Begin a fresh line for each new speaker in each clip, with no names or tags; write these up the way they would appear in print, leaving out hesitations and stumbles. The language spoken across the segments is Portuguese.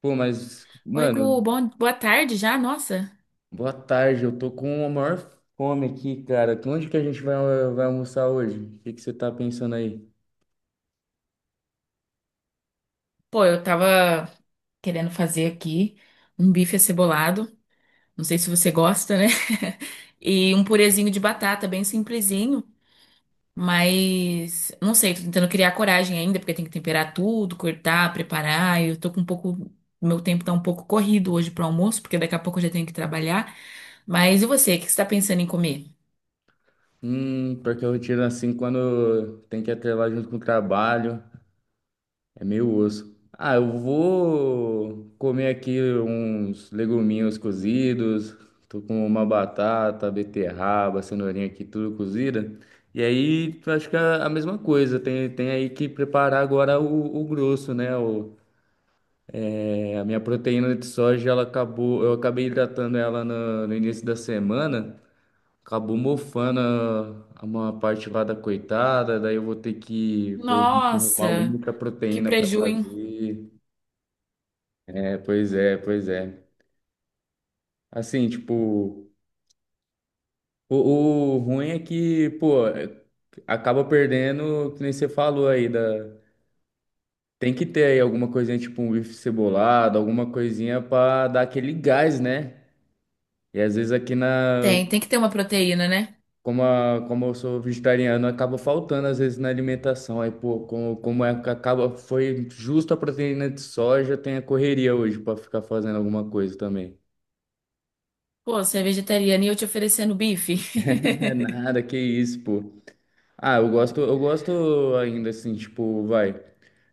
Pô, mas,
Oi, Gu,
mano,
bom, boa tarde já, nossa.
boa tarde. Eu tô com a maior fome aqui, cara. Onde que a gente vai almoçar hoje? O que que você tá pensando aí?
Pô, eu tava querendo fazer aqui um bife acebolado, não sei se você gosta, né? E um purezinho de batata, bem simplesinho, mas não sei, tô tentando criar coragem ainda, porque tem que temperar tudo, cortar, preparar. Eu tô com um pouco, meu tempo tá um pouco corrido hoje pro almoço, porque daqui a pouco eu já tenho que trabalhar. Mas e você, o que você tá pensando em comer?
Porque a rotina assim, quando tem que atrelar junto com o trabalho, é meio osso. Ah, eu vou comer aqui uns leguminhos cozidos. Tô com uma batata, beterraba, cenourinha aqui, tudo cozida. E aí, acho que é a mesma coisa. Tem aí que preparar agora o grosso, né? É, a minha proteína de soja, ela acabou, eu acabei hidratando ela no início da semana, acabou mofando uma parte lá da coitada, daí eu vou ter que provavelmente arrumar alguma
Nossa,
outra
que
proteína para
preju, hein?
fazer. É, pois é, pois é. Assim, tipo, o, o ruim é que, pô, acaba perdendo, que nem você falou aí, tem que ter aí alguma coisinha, tipo um bife cebolado, alguma coisinha para dar aquele gás, né? E às vezes aqui na.
Tem que ter uma proteína, né?
Como eu sou vegetariano, acaba faltando às vezes na alimentação. Aí, pô, como é que acaba, foi justo a proteína de soja, tem a correria hoje para ficar fazendo alguma coisa também.
Pô, você é vegetariana e eu te oferecendo bife.
É nada, que isso, pô. Ah, eu gosto ainda assim, tipo, vai.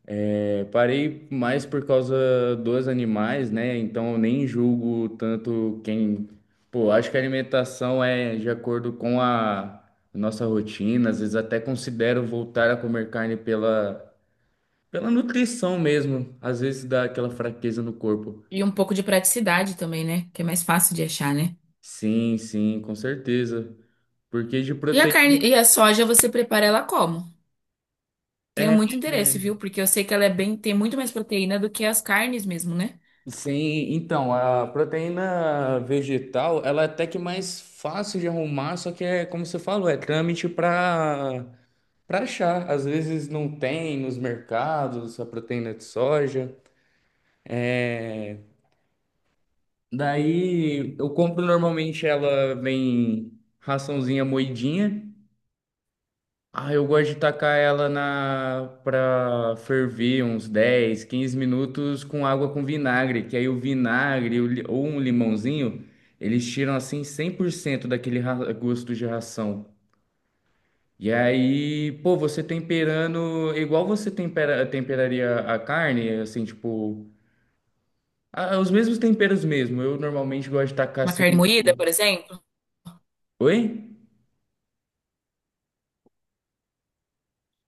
É, parei mais por causa dos animais, né? Então eu nem julgo tanto quem. Pô, acho que a alimentação é de acordo com a nossa rotina, às vezes até considero voltar a comer carne pela. Pela nutrição mesmo, às vezes dá aquela fraqueza no corpo.
E um pouco de praticidade também, né? Que é mais fácil de achar, né?
Sim, sim, com certeza. Porque de
E a carne
proteína.
e a soja você prepara ela como? Tenho
É,
muito interesse,
é.
viu? Porque eu sei que ela é bem, tem muito mais proteína do que as carnes mesmo, né?
Sim, então, a proteína vegetal, ela é até que mais fácil de arrumar, só que é, como você falou, é trâmite para achar. Às vezes não tem nos mercados a proteína de soja. Daí eu compro normalmente ela vem raçãozinha moidinha. Ah, eu gosto de tacar ela na para ferver uns 10, 15 minutos com água com vinagre, que aí o vinagre ou um limãozinho, eles tiram assim 100% daquele gosto de ração. E aí, pô, você temperando igual você temperaria a carne, assim, tipo, ah, os mesmos temperos mesmo. Eu normalmente gosto de tacar
Uma
assim.
carne moída,
um-
por exemplo.
Oi?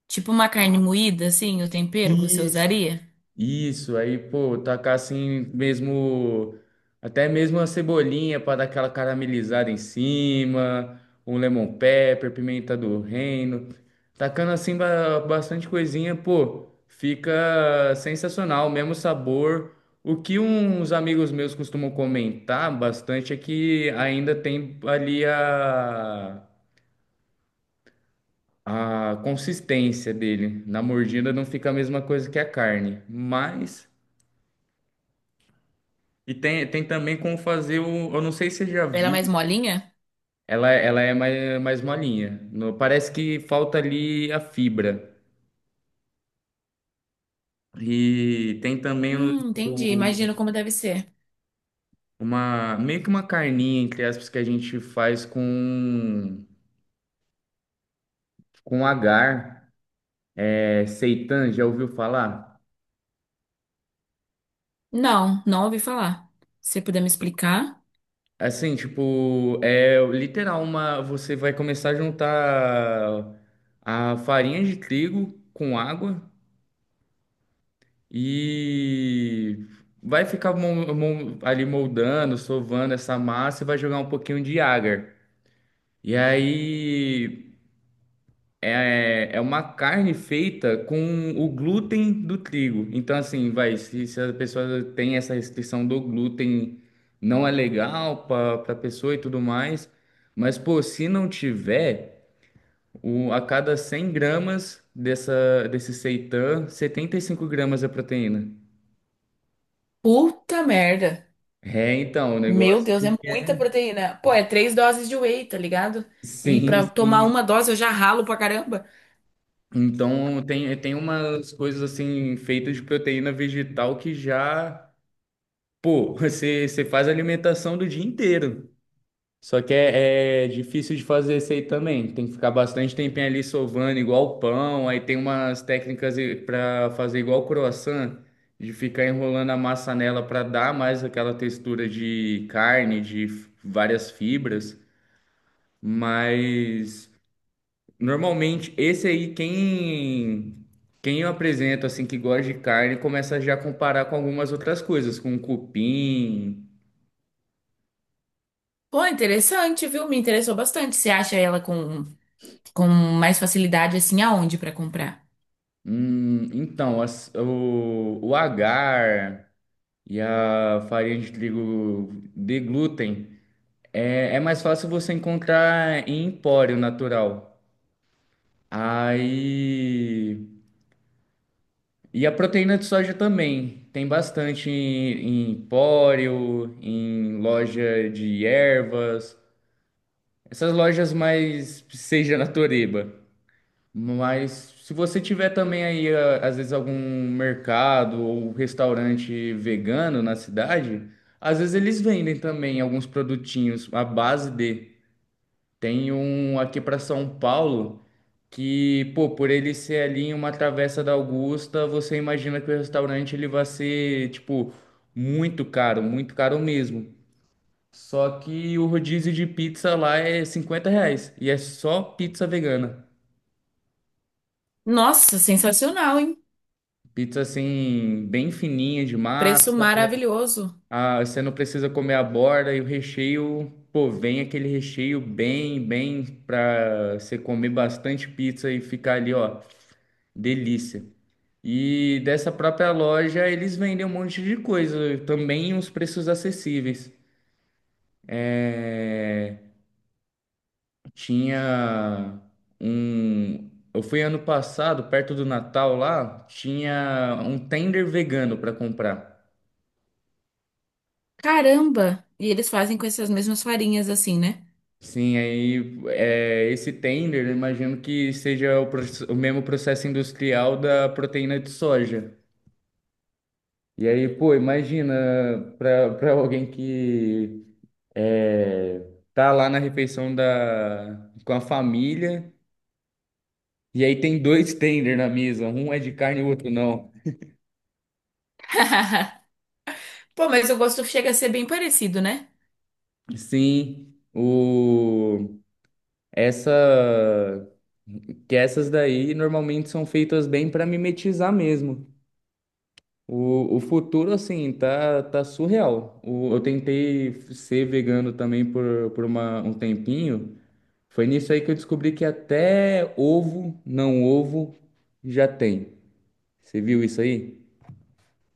Tipo uma carne moída, assim, o tempero você
Isso.
usaria?
Isso, aí, pô, tacar assim mesmo, até mesmo uma cebolinha para dar aquela caramelizada em cima, um lemon pepper, pimenta do reino, tacando assim bastante coisinha, pô, fica sensacional, mesmo sabor. O que uns amigos meus costumam comentar bastante é que ainda tem ali a consistência dele. Na mordida não fica a mesma coisa que a carne, mas. E tem também como fazer o. Eu não sei se você já
Pra ela é
viu.
mais molinha?
Ela é mais molinha. Parece que falta ali a fibra. E tem também
Entendi. Imagino como deve ser.
uma, meio que uma carninha, entre aspas, que a gente faz com agar. É, seitan, já ouviu falar?
Não, não ouvi falar. Se você puder me explicar.
Assim, tipo, é literal uma. Você vai começar a juntar a farinha de trigo com água. E vai ficar ali moldando, sovando essa massa e vai jogar um pouquinho de agar. E aí é uma carne feita com o glúten do trigo. Então, assim, vai, se a pessoa tem essa restrição do glúten, não é legal para a pessoa e tudo mais. Mas, pô, se não tiver, a cada 100 gramas desse seitan, 75 gramas é proteína.
Puta merda.
É, então, o
Meu
negócio
Deus, é
ele
muita
é.
proteína. Pô, é 3 doses de whey, tá ligado? E
Sim,
pra tomar
sim.
uma dose eu já ralo pra caramba.
Então, tem umas coisas assim feitas de proteína vegetal que já. Pô, você faz a alimentação do dia inteiro. Só que é difícil de fazer isso aí também. Tem que ficar bastante tempinho ali sovando, igual pão. Aí tem umas técnicas para fazer igual croissant, de ficar enrolando a massa nela para dar mais aquela textura de carne, de várias fibras. Mas. Normalmente, esse aí, quem eu apresento, assim, que gosta de carne, começa já a comparar com algumas outras coisas, com cupim.
Pô, interessante, viu? Me interessou bastante. Você acha ela com mais facilidade assim aonde pra comprar?
Então, o agar e a farinha de trigo de glúten é mais fácil você encontrar em empório natural. Aí. E a proteína de soja também. Tem bastante em, empório, em loja de ervas. Essas lojas mais seja na Toreba. Mas se você tiver também aí, às vezes, algum mercado ou um restaurante vegano na cidade, às vezes eles vendem também alguns produtinhos à base de. Tem um aqui para São Paulo que, pô, por ele ser ali em uma travessa da Augusta, você imagina que o restaurante ele vai ser, tipo, muito caro mesmo. Só que o rodízio de pizza lá é R$ 50. E é só pizza vegana.
Nossa, sensacional, hein?
Pizza assim, bem fininha de
Preço
massa.
maravilhoso.
Ah, você não precisa comer a borda e o recheio. Pô, vem aquele recheio bem pra você comer bastante pizza e ficar ali, ó, delícia. E dessa própria loja eles vendem um monte de coisa, também uns preços acessíveis. É. Tinha um. Eu fui ano passado, perto do Natal lá, tinha um tender vegano para comprar.
Caramba! E eles fazem com essas mesmas farinhas assim, né?
Sim, aí é, esse tender, eu imagino que seja o mesmo processo industrial da proteína de soja. E aí, pô, imagina para alguém que é, tá lá na refeição com a família, e aí tem dois tender na mesa, um é de carne e o outro não.
Pô, mas o gosto chega a ser bem parecido, né?
Sim, o essa que essas daí normalmente são feitas bem para mimetizar mesmo. O futuro assim tá surreal. Eu tentei ser vegano também por um tempinho. Foi nisso aí que eu descobri que até ovo, não ovo, já tem. Você viu isso aí?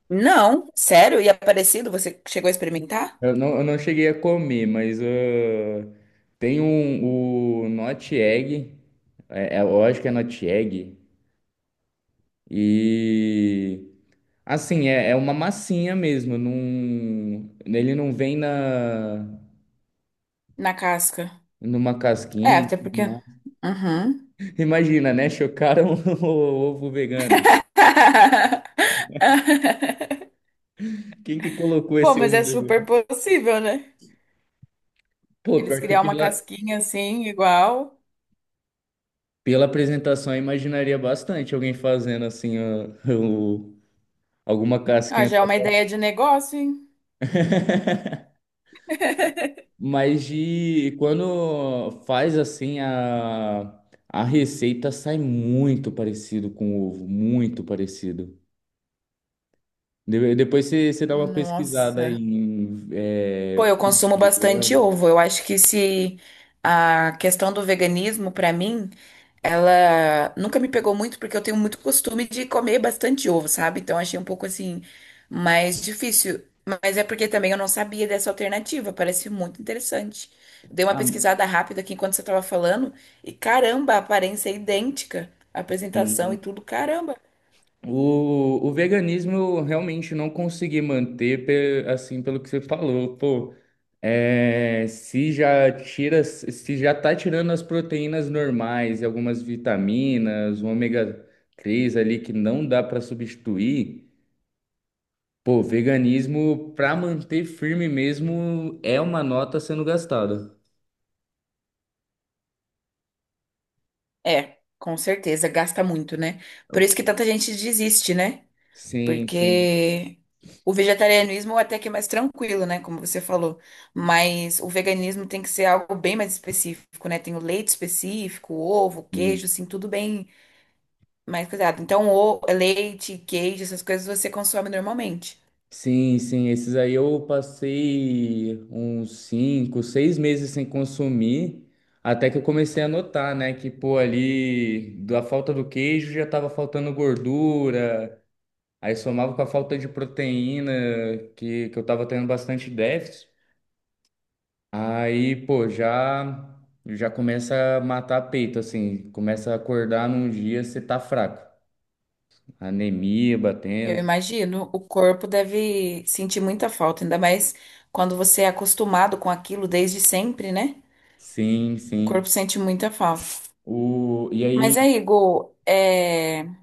Não, sério? E é parecido? Você chegou a experimentar?
Eu não cheguei a comer, mas ah, tem o Not Egg, eu acho que é Not Egg, e assim, é uma massinha mesmo, não, ele não vem na,
Na casca.
numa
É,
casquinha. E
até
tudo
porque.
mais.
Uhum.
Imagina, né? Chocaram o ovo vegano. Quem que colocou
Pô,
esse
mas
ovo
é super
vegano?
possível, né?
Pô,
Eles
pior que
criar uma
pela,
casquinha assim, igual.
pela apresentação eu imaginaria bastante alguém fazendo assim ah, alguma
Ah,
casquinha
já é
só
uma ideia
pra.
de negócio, hein?
Mas de quando faz assim a receita sai muito parecido com ovo, muito parecido. Depois você dá uma pesquisada
Nossa.
em
Pô, eu
ovo
consumo bastante
vegano.
ovo. Eu acho que se a questão do veganismo, pra mim, ela nunca me pegou muito porque eu tenho muito costume de comer bastante ovo, sabe? Então achei um pouco assim mais difícil. Mas é porque também eu não sabia dessa alternativa, parece muito interessante. Dei uma
Ah,
pesquisada rápida aqui enquanto você estava falando e caramba, a aparência é idêntica, a apresentação e
sim.
tudo, caramba.
O veganismo eu realmente não consegui manter, assim, pelo que você falou. Pô, é, se já tá tirando as proteínas normais e algumas vitaminas, o ômega 3 ali que não dá para substituir, pô, veganismo para manter firme mesmo é uma nota sendo gastada.
É, com certeza, gasta muito, né? Por isso que tanta gente desiste, né?
Sim, sim.
Porque o vegetarianismo é até que é mais tranquilo, né? Como você falou. Mas o veganismo tem que ser algo bem mais específico, né? Tem o leite específico, ovo, queijo, assim, tudo bem mais cuidado. Então, o leite, queijo, essas coisas você consome normalmente.
Sim, sim, esses aí eu passei uns 5, 6 meses sem consumir, até que eu comecei a notar, né, que pô, ali da falta do queijo já tava faltando gordura, aí somava com a falta de proteína, que eu tava tendo bastante déficit, aí pô, já, começa a matar peito, assim, começa a acordar num dia você tá fraco, anemia
Eu
batendo,
imagino, o corpo deve sentir muita falta, ainda mais quando você é acostumado com aquilo desde sempre, né?
sim,
O
sim.
corpo sente muita falta.
E aí.
Mas aí, Gu, é.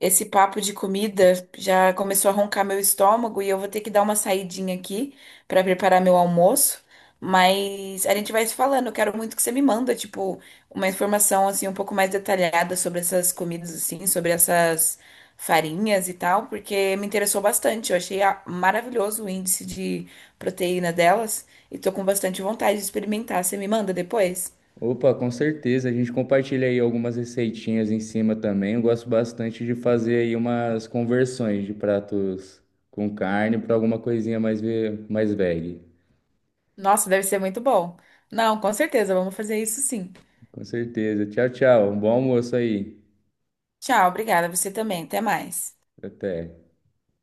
Esse papo de comida já começou a roncar meu estômago e eu vou ter que dar uma saidinha aqui para preparar meu almoço. Mas a gente vai se falando. Eu quero muito que você me manda, tipo, uma informação assim um pouco mais detalhada sobre essas comidas assim, sobre essas farinhas e tal, porque me interessou bastante. Eu achei a- maravilhoso o índice de proteína delas e tô com bastante vontade de experimentar. Você me manda depois?
Opa, com certeza. A gente compartilha aí algumas receitinhas em cima também. Eu gosto bastante de fazer aí umas conversões de pratos com carne para alguma coisinha mais veg.
Nossa, deve ser muito bom. Não, com certeza, vamos fazer isso sim.
Com certeza. Tchau, tchau. Um bom almoço aí.
Tchau, obrigada. Você também. Até mais.
Até.